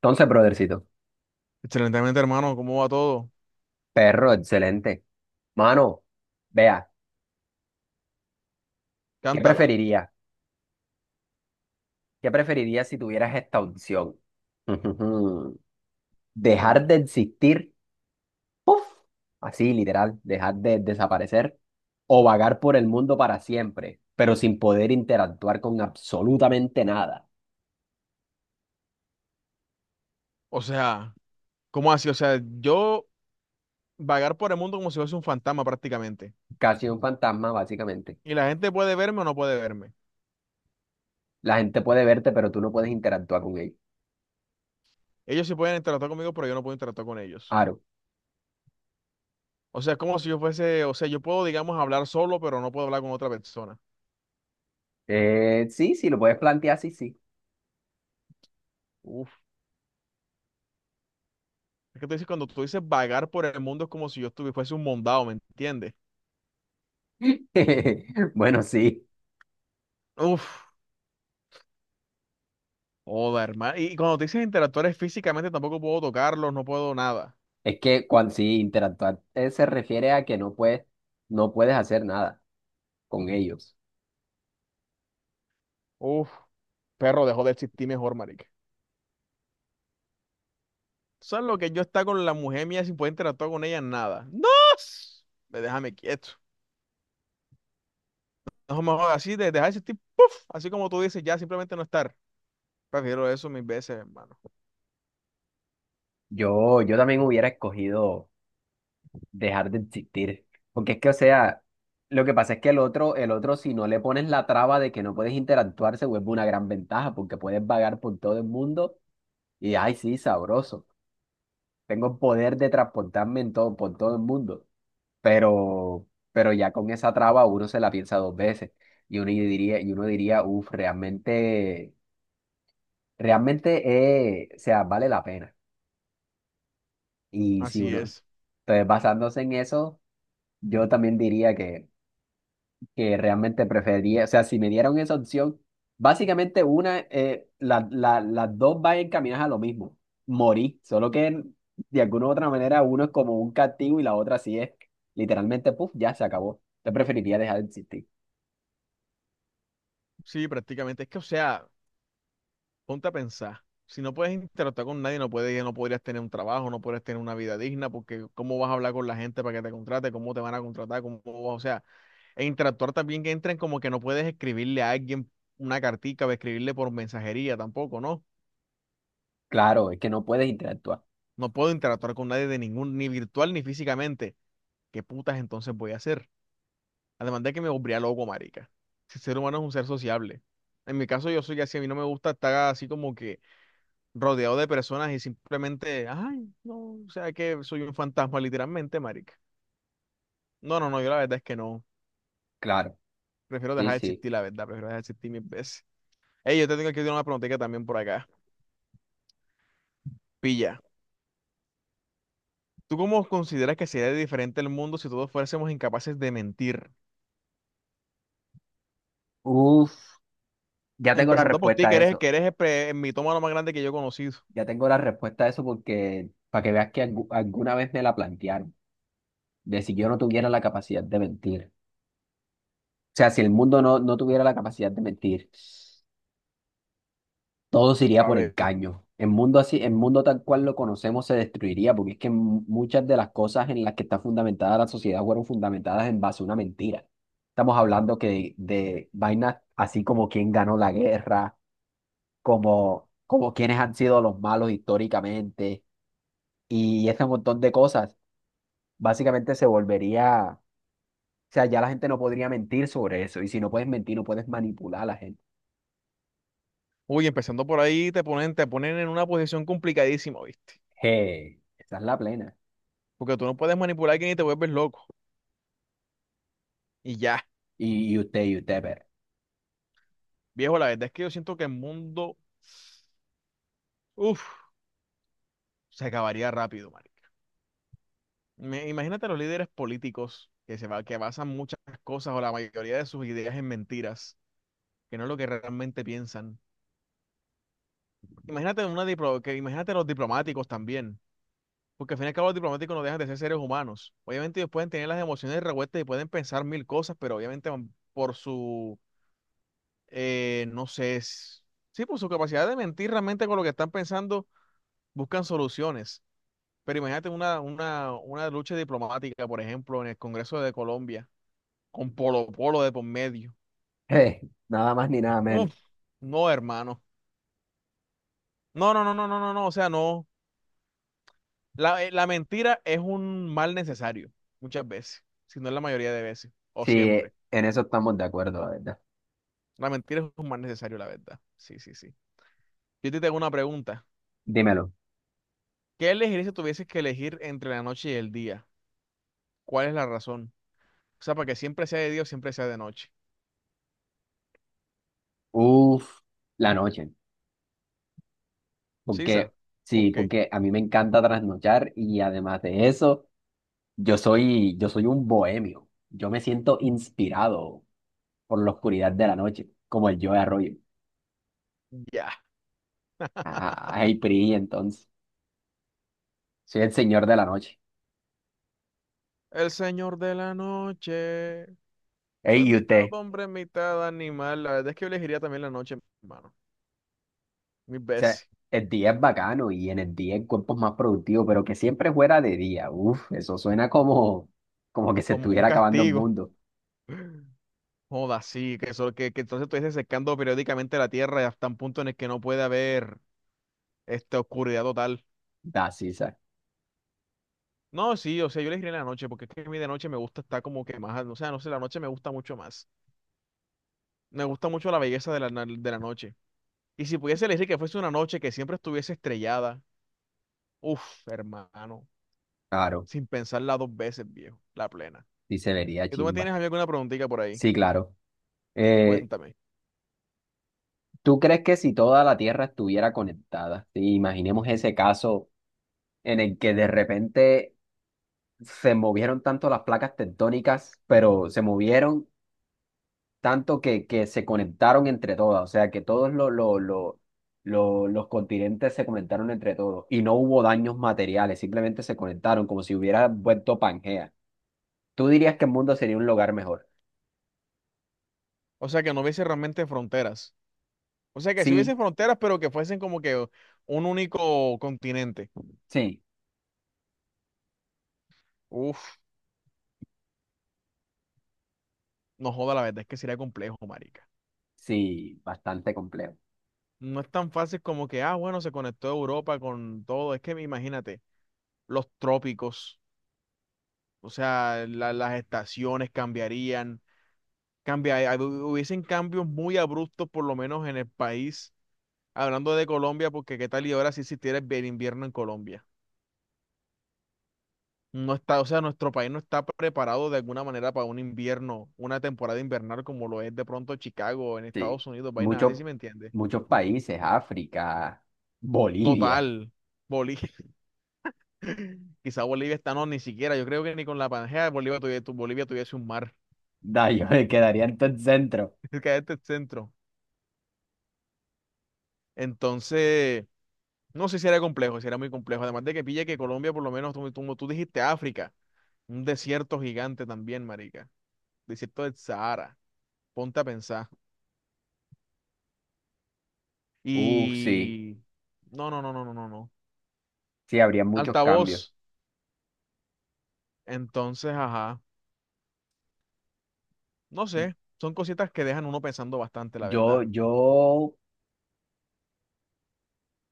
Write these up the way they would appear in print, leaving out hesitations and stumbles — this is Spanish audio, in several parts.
Entonces, brothercito, Excelentemente, hermano, ¿cómo va todo? perro, excelente. Mano, vea, ¿qué Cántala. preferiría? ¿Qué preferiría si tuvieras esta opción? ¡Ujujú! ¿Dejar Ay, de existir? ¡Puf! Así, literal, dejar de desaparecer o vagar por el mundo para siempre, pero sin poder interactuar con absolutamente nada. o sea, ¿cómo así? O sea, yo vagar por el mundo como si fuese un fantasma prácticamente. Casi un fantasma, básicamente. Y la gente puede verme o no puede verme. La gente puede verte, pero tú no puedes interactuar con ellos. Ellos sí pueden interactuar conmigo, pero yo no puedo interactuar con ellos. Aro. O sea, es como si yo fuese, o sea, yo puedo, digamos, hablar solo, pero no puedo hablar con otra persona. Sí, sí, lo puedes plantear, sí, sí. Uf, es que tú dices, cuando tú dices vagar por el mundo es como si yo estuviese fuese un mondado, ¿me entiendes? Bueno, sí. Uf, joda, hermano. Y cuando te dices interactuar es físicamente, tampoco puedo tocarlos, no puedo nada. Es que cuando sí interactuar se refiere a que no puedes, no puedes hacer nada con ellos. Uf, perro, dejó de existir mejor, marica. ¿Sabes lo que yo está con la mujer mía sin poder interactuar con ella? Nada. ¡No! Ve, déjame quieto. No me jodas, así de dejar ese tipo, ¡puf! Así como tú dices, ya simplemente no estar. Prefiero eso mil veces, hermano. Yo también hubiera escogido dejar de existir. Porque es que, o sea, lo que pasa es que el otro, si no le pones la traba de que no puedes interactuar, se vuelve una gran ventaja, porque puedes vagar por todo el mundo y ay, sí, sabroso. Tengo el poder de transportarme en todo, por todo el mundo. Pero ya con esa traba uno se la piensa dos veces. Y uno diría, uff, realmente. Realmente, o sea, vale la pena. Y si Así uno, es. entonces basándose en eso, yo también diría que realmente preferiría, o sea, si me dieran esa opción, básicamente una, las dos van encaminadas a lo mismo, morir, solo que de alguna u otra manera uno es como un castigo y la otra sí es literalmente, puff, ya se acabó. Yo preferiría dejar de existir. Sí, prácticamente. Es que, o sea, ponte a pensar. Si no puedes interactuar con nadie, no puedes, no podrías tener un trabajo, no podrías tener una vida digna, porque cómo vas a hablar con la gente para que te contrate, cómo te van a contratar, cómo vas, o sea, e interactuar también que entren como que no puedes escribirle a alguien una cartica o escribirle por mensajería tampoco, ¿no? Claro, es que no puedes interactuar. No puedo interactuar con nadie de ningún, ni virtual ni físicamente. ¿Qué putas entonces voy a hacer? Además de que me volvería loco, marica. Si el ser humano es un ser sociable. En mi caso, yo soy así. A mí no me gusta estar así como que rodeado de personas y simplemente, ay, no, o sea que soy un fantasma, literalmente, marica. No, no, no, yo la verdad es que no. Claro, Prefiero sí, dejar de sí. existir, la verdad. Prefiero dejar de existir mil veces. Ey, yo te tengo que hacer una preguntita también por acá. Pilla. ¿Tú cómo consideras que sería diferente el mundo si todos fuésemos incapaces de mentir? Uf, ya tengo la Empezando por ti, respuesta que a eres, eso. que eres el mitómano más grande que yo he conocido. Ya tengo la respuesta a eso porque para que veas que alguna vez me la plantearon, de si yo no tuviera la capacidad de mentir. O sea, si el mundo no tuviera la capacidad de mentir, todo se iría A por ver, engaño. El mundo así, el mundo tal cual lo conocemos se destruiría, porque es que muchas de las cosas en las que está fundamentada la sociedad fueron fundamentadas en base a una mentira. Estamos hablando que de vainas así como quién ganó la guerra, como quiénes han sido los malos históricamente y ese montón de cosas. Básicamente se volvería, o sea, ya la gente no podría mentir sobre eso. Y si no puedes mentir, no puedes manipular a la gente. uy, empezando por ahí, te ponen en una posición complicadísima, ¿viste? Hey, esa es la plena. Porque tú no puedes manipular a alguien y te vuelves loco. Y ya, Y usted, pero. viejo, la verdad es que yo siento que el mundo, uff, se acabaría rápido, marica. Imagínate los líderes políticos que basan muchas cosas o la mayoría de sus ideas en mentiras, que no es lo que realmente piensan. Imagínate una diplo- que imagínate los diplomáticos también. Porque al fin y al cabo los diplomáticos no dejan de ser seres humanos. Obviamente ellos pueden tener las emociones revueltas y pueden pensar mil cosas, pero obviamente van por su, no sé, sí, por su capacidad de mentir realmente con lo que están pensando, buscan soluciones. Pero imagínate una lucha diplomática, por ejemplo, en el Congreso de Colombia, con Polo Polo de por medio. Eh, nada más ni nada menos. Uf, no, hermano. No, no, no, no, no, no, no. O sea, no. La mentira es un mal necesario, muchas veces, si no es la mayoría de veces, o Sí, siempre. en eso estamos de acuerdo, la verdad. La mentira es un mal necesario, la verdad. Sí, sí, sí. Yo te tengo una pregunta. Dímelo. ¿Qué elegirías si tuvieses que elegir entre la noche y el día? ¿Cuál es la razón? O sea, para que siempre sea de día o siempre sea de noche. Uf, la noche. ¿Sisa? Porque, ¿Por sí, qué? porque a mí me encanta trasnochar y además de eso, yo soy un bohemio. Yo me siento inspirado por la oscuridad de la noche, como el yo de Arroyo. Ya. PRI, entonces. Soy el señor de la noche. El señor de la noche. Ey, Soy ¿y mitad usted? hombre, mitad animal. La verdad es que yo elegiría también la noche, hermano. Mis O sea, veces. el día es bacano y en el día el cuerpo es más productivo, pero que siempre fuera de día. Uf, eso suena como, como que se Como un estuviera acabando el castigo. mundo. Joda, sí, que, eso, que entonces estuviese secando periódicamente la tierra hasta un punto en el que no puede haber esta oscuridad total. Da, sí, No, sí, o sea, yo le diré en la noche, porque es que a mí de noche me gusta estar como que más, o sea, no sé, la noche me gusta mucho más. Me gusta mucho la belleza de la noche. Y si pudiese elegir que fuese una noche que siempre estuviese estrellada, uff, hermano, claro. sin pensarla dos veces, viejo, la plena. Y se vería ¿Y tú me chimba. tienes a mí alguna preguntita por ahí? Sí, claro. Eh, Cuéntame. ¿Tú crees que si toda la Tierra estuviera conectada? Sí, imaginemos ese caso en el que de repente se movieron tanto las placas tectónicas, pero se movieron tanto que se conectaron entre todas, o sea, que todos lo- los continentes se conectaron entre todos y no hubo daños materiales, simplemente se conectaron como si hubiera vuelto Pangea. ¿Tú dirías que el mundo sería un lugar mejor? O sea, que no hubiese realmente fronteras. O sea, que si Sí, hubiese fronteras, pero que fuesen como que un único continente. sí, Uff, no joda, la verdad es que sería complejo, marica. sí, bastante complejo. No es tan fácil como que, ah, bueno, se conectó Europa con todo. Es que imagínate, los trópicos, o sea, las estaciones cambiarían, cambia, hab- hubiesen cambios muy abruptos, por lo menos en el país. Hablando de Colombia, porque qué tal y ahora si existiera el invierno en Colombia. No está, o sea, nuestro país no está preparado de alguna manera para un invierno, una temporada invernal como lo es de pronto Chicago en Sí, Estados Unidos, vainas muchos, así, ¿si me entiendes? muchos países, África, Bolivia. Total, boli. Quizá Bolivia está no, ni siquiera. Yo creo que ni con la Pangea de Bolivia tuviese un mar. Da, yo me quedaría en todo el centro. Es que este es el centro. Entonces, no sé si era complejo, si era muy complejo. Además de que pille que Colombia, por lo menos, como tú dijiste, África, un desierto gigante también, marica. Desierto del Sahara. Ponte a pensar. Uf, sí, Y no, no, no, no, no, no, no. sí, habría muchos cambios. Altavoz. Entonces, ajá. No sé. Son cositas que dejan uno pensando bastante, la Yo, verdad. yo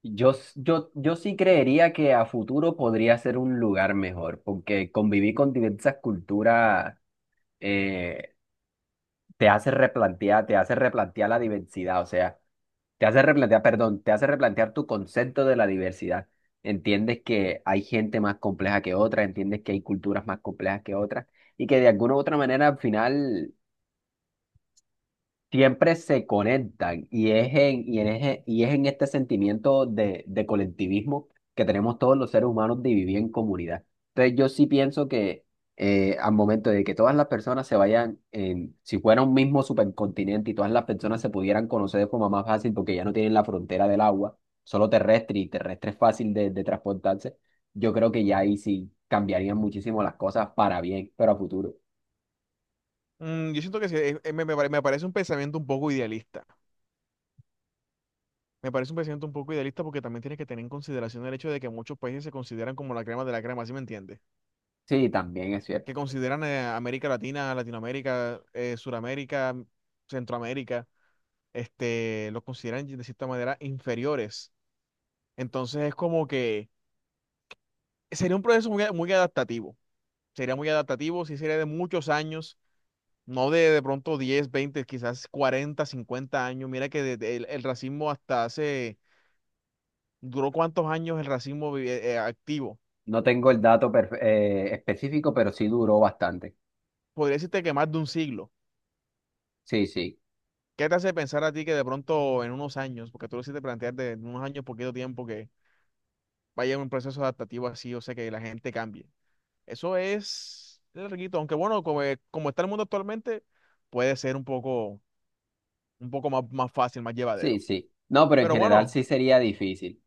yo sí creería que a futuro podría ser un lugar mejor, porque convivir con diversas culturas eh, te hace replantear la diversidad, o sea, te hace replantear, perdón, te hace replantear tu concepto de la diversidad. Entiendes que hay gente más compleja que otra, entiendes que hay culturas más complejas que otras, y que de alguna u otra manera al final siempre se conectan y es en, y en, eje- y es en este sentimiento de colectivismo que tenemos todos los seres humanos de vivir en comunidad. Entonces yo sí pienso que al momento de que todas las personas se vayan, en, si fuera un mismo supercontinente y todas las personas se pudieran conocer de forma más fácil porque ya no tienen la frontera del agua, solo terrestre y terrestre es fácil de transportarse, yo creo que ya ahí sí cambiarían muchísimo las cosas para bien, pero a futuro. Yo siento que sí, me parece un pensamiento un poco idealista. Me parece un pensamiento un poco idealista porque también tienes que tener en consideración el hecho de que muchos países se consideran como la crema de la crema, ¿sí me entiendes? Sí, también es cierto. Que consideran América Latina, Latinoamérica, Suramérica, Centroamérica, este, los consideran de cierta manera inferiores. Entonces es como que sería un proceso muy adaptativo. Sería muy adaptativo, sí sería de muchos años, no de pronto 10 20 quizás 40 50 años. Mira que desde el racismo hasta hace, ¿duró cuántos años el racismo activo? No tengo el dato específico, pero sí duró bastante. Podría decirte que más de un siglo. Sí, sí, ¿Qué te hace pensar a ti que de pronto en unos años, porque tú lo hiciste plantear de en unos años, poquito tiempo, que vaya un proceso adaptativo así, o sea, que la gente cambie? Eso es larguito, aunque bueno, como, como está el mundo actualmente, puede ser un poco más, más fácil, más sí, llevadero. sí. No, pero en Pero general bueno, sí sería difícil.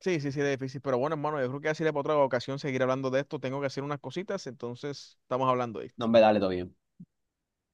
sí, sí, sí, es difícil. Pero bueno, hermano, yo creo que así para otra ocasión seguir hablando de esto. Tengo que hacer unas cositas, entonces estamos hablando, de esto. No, me dale todo bien.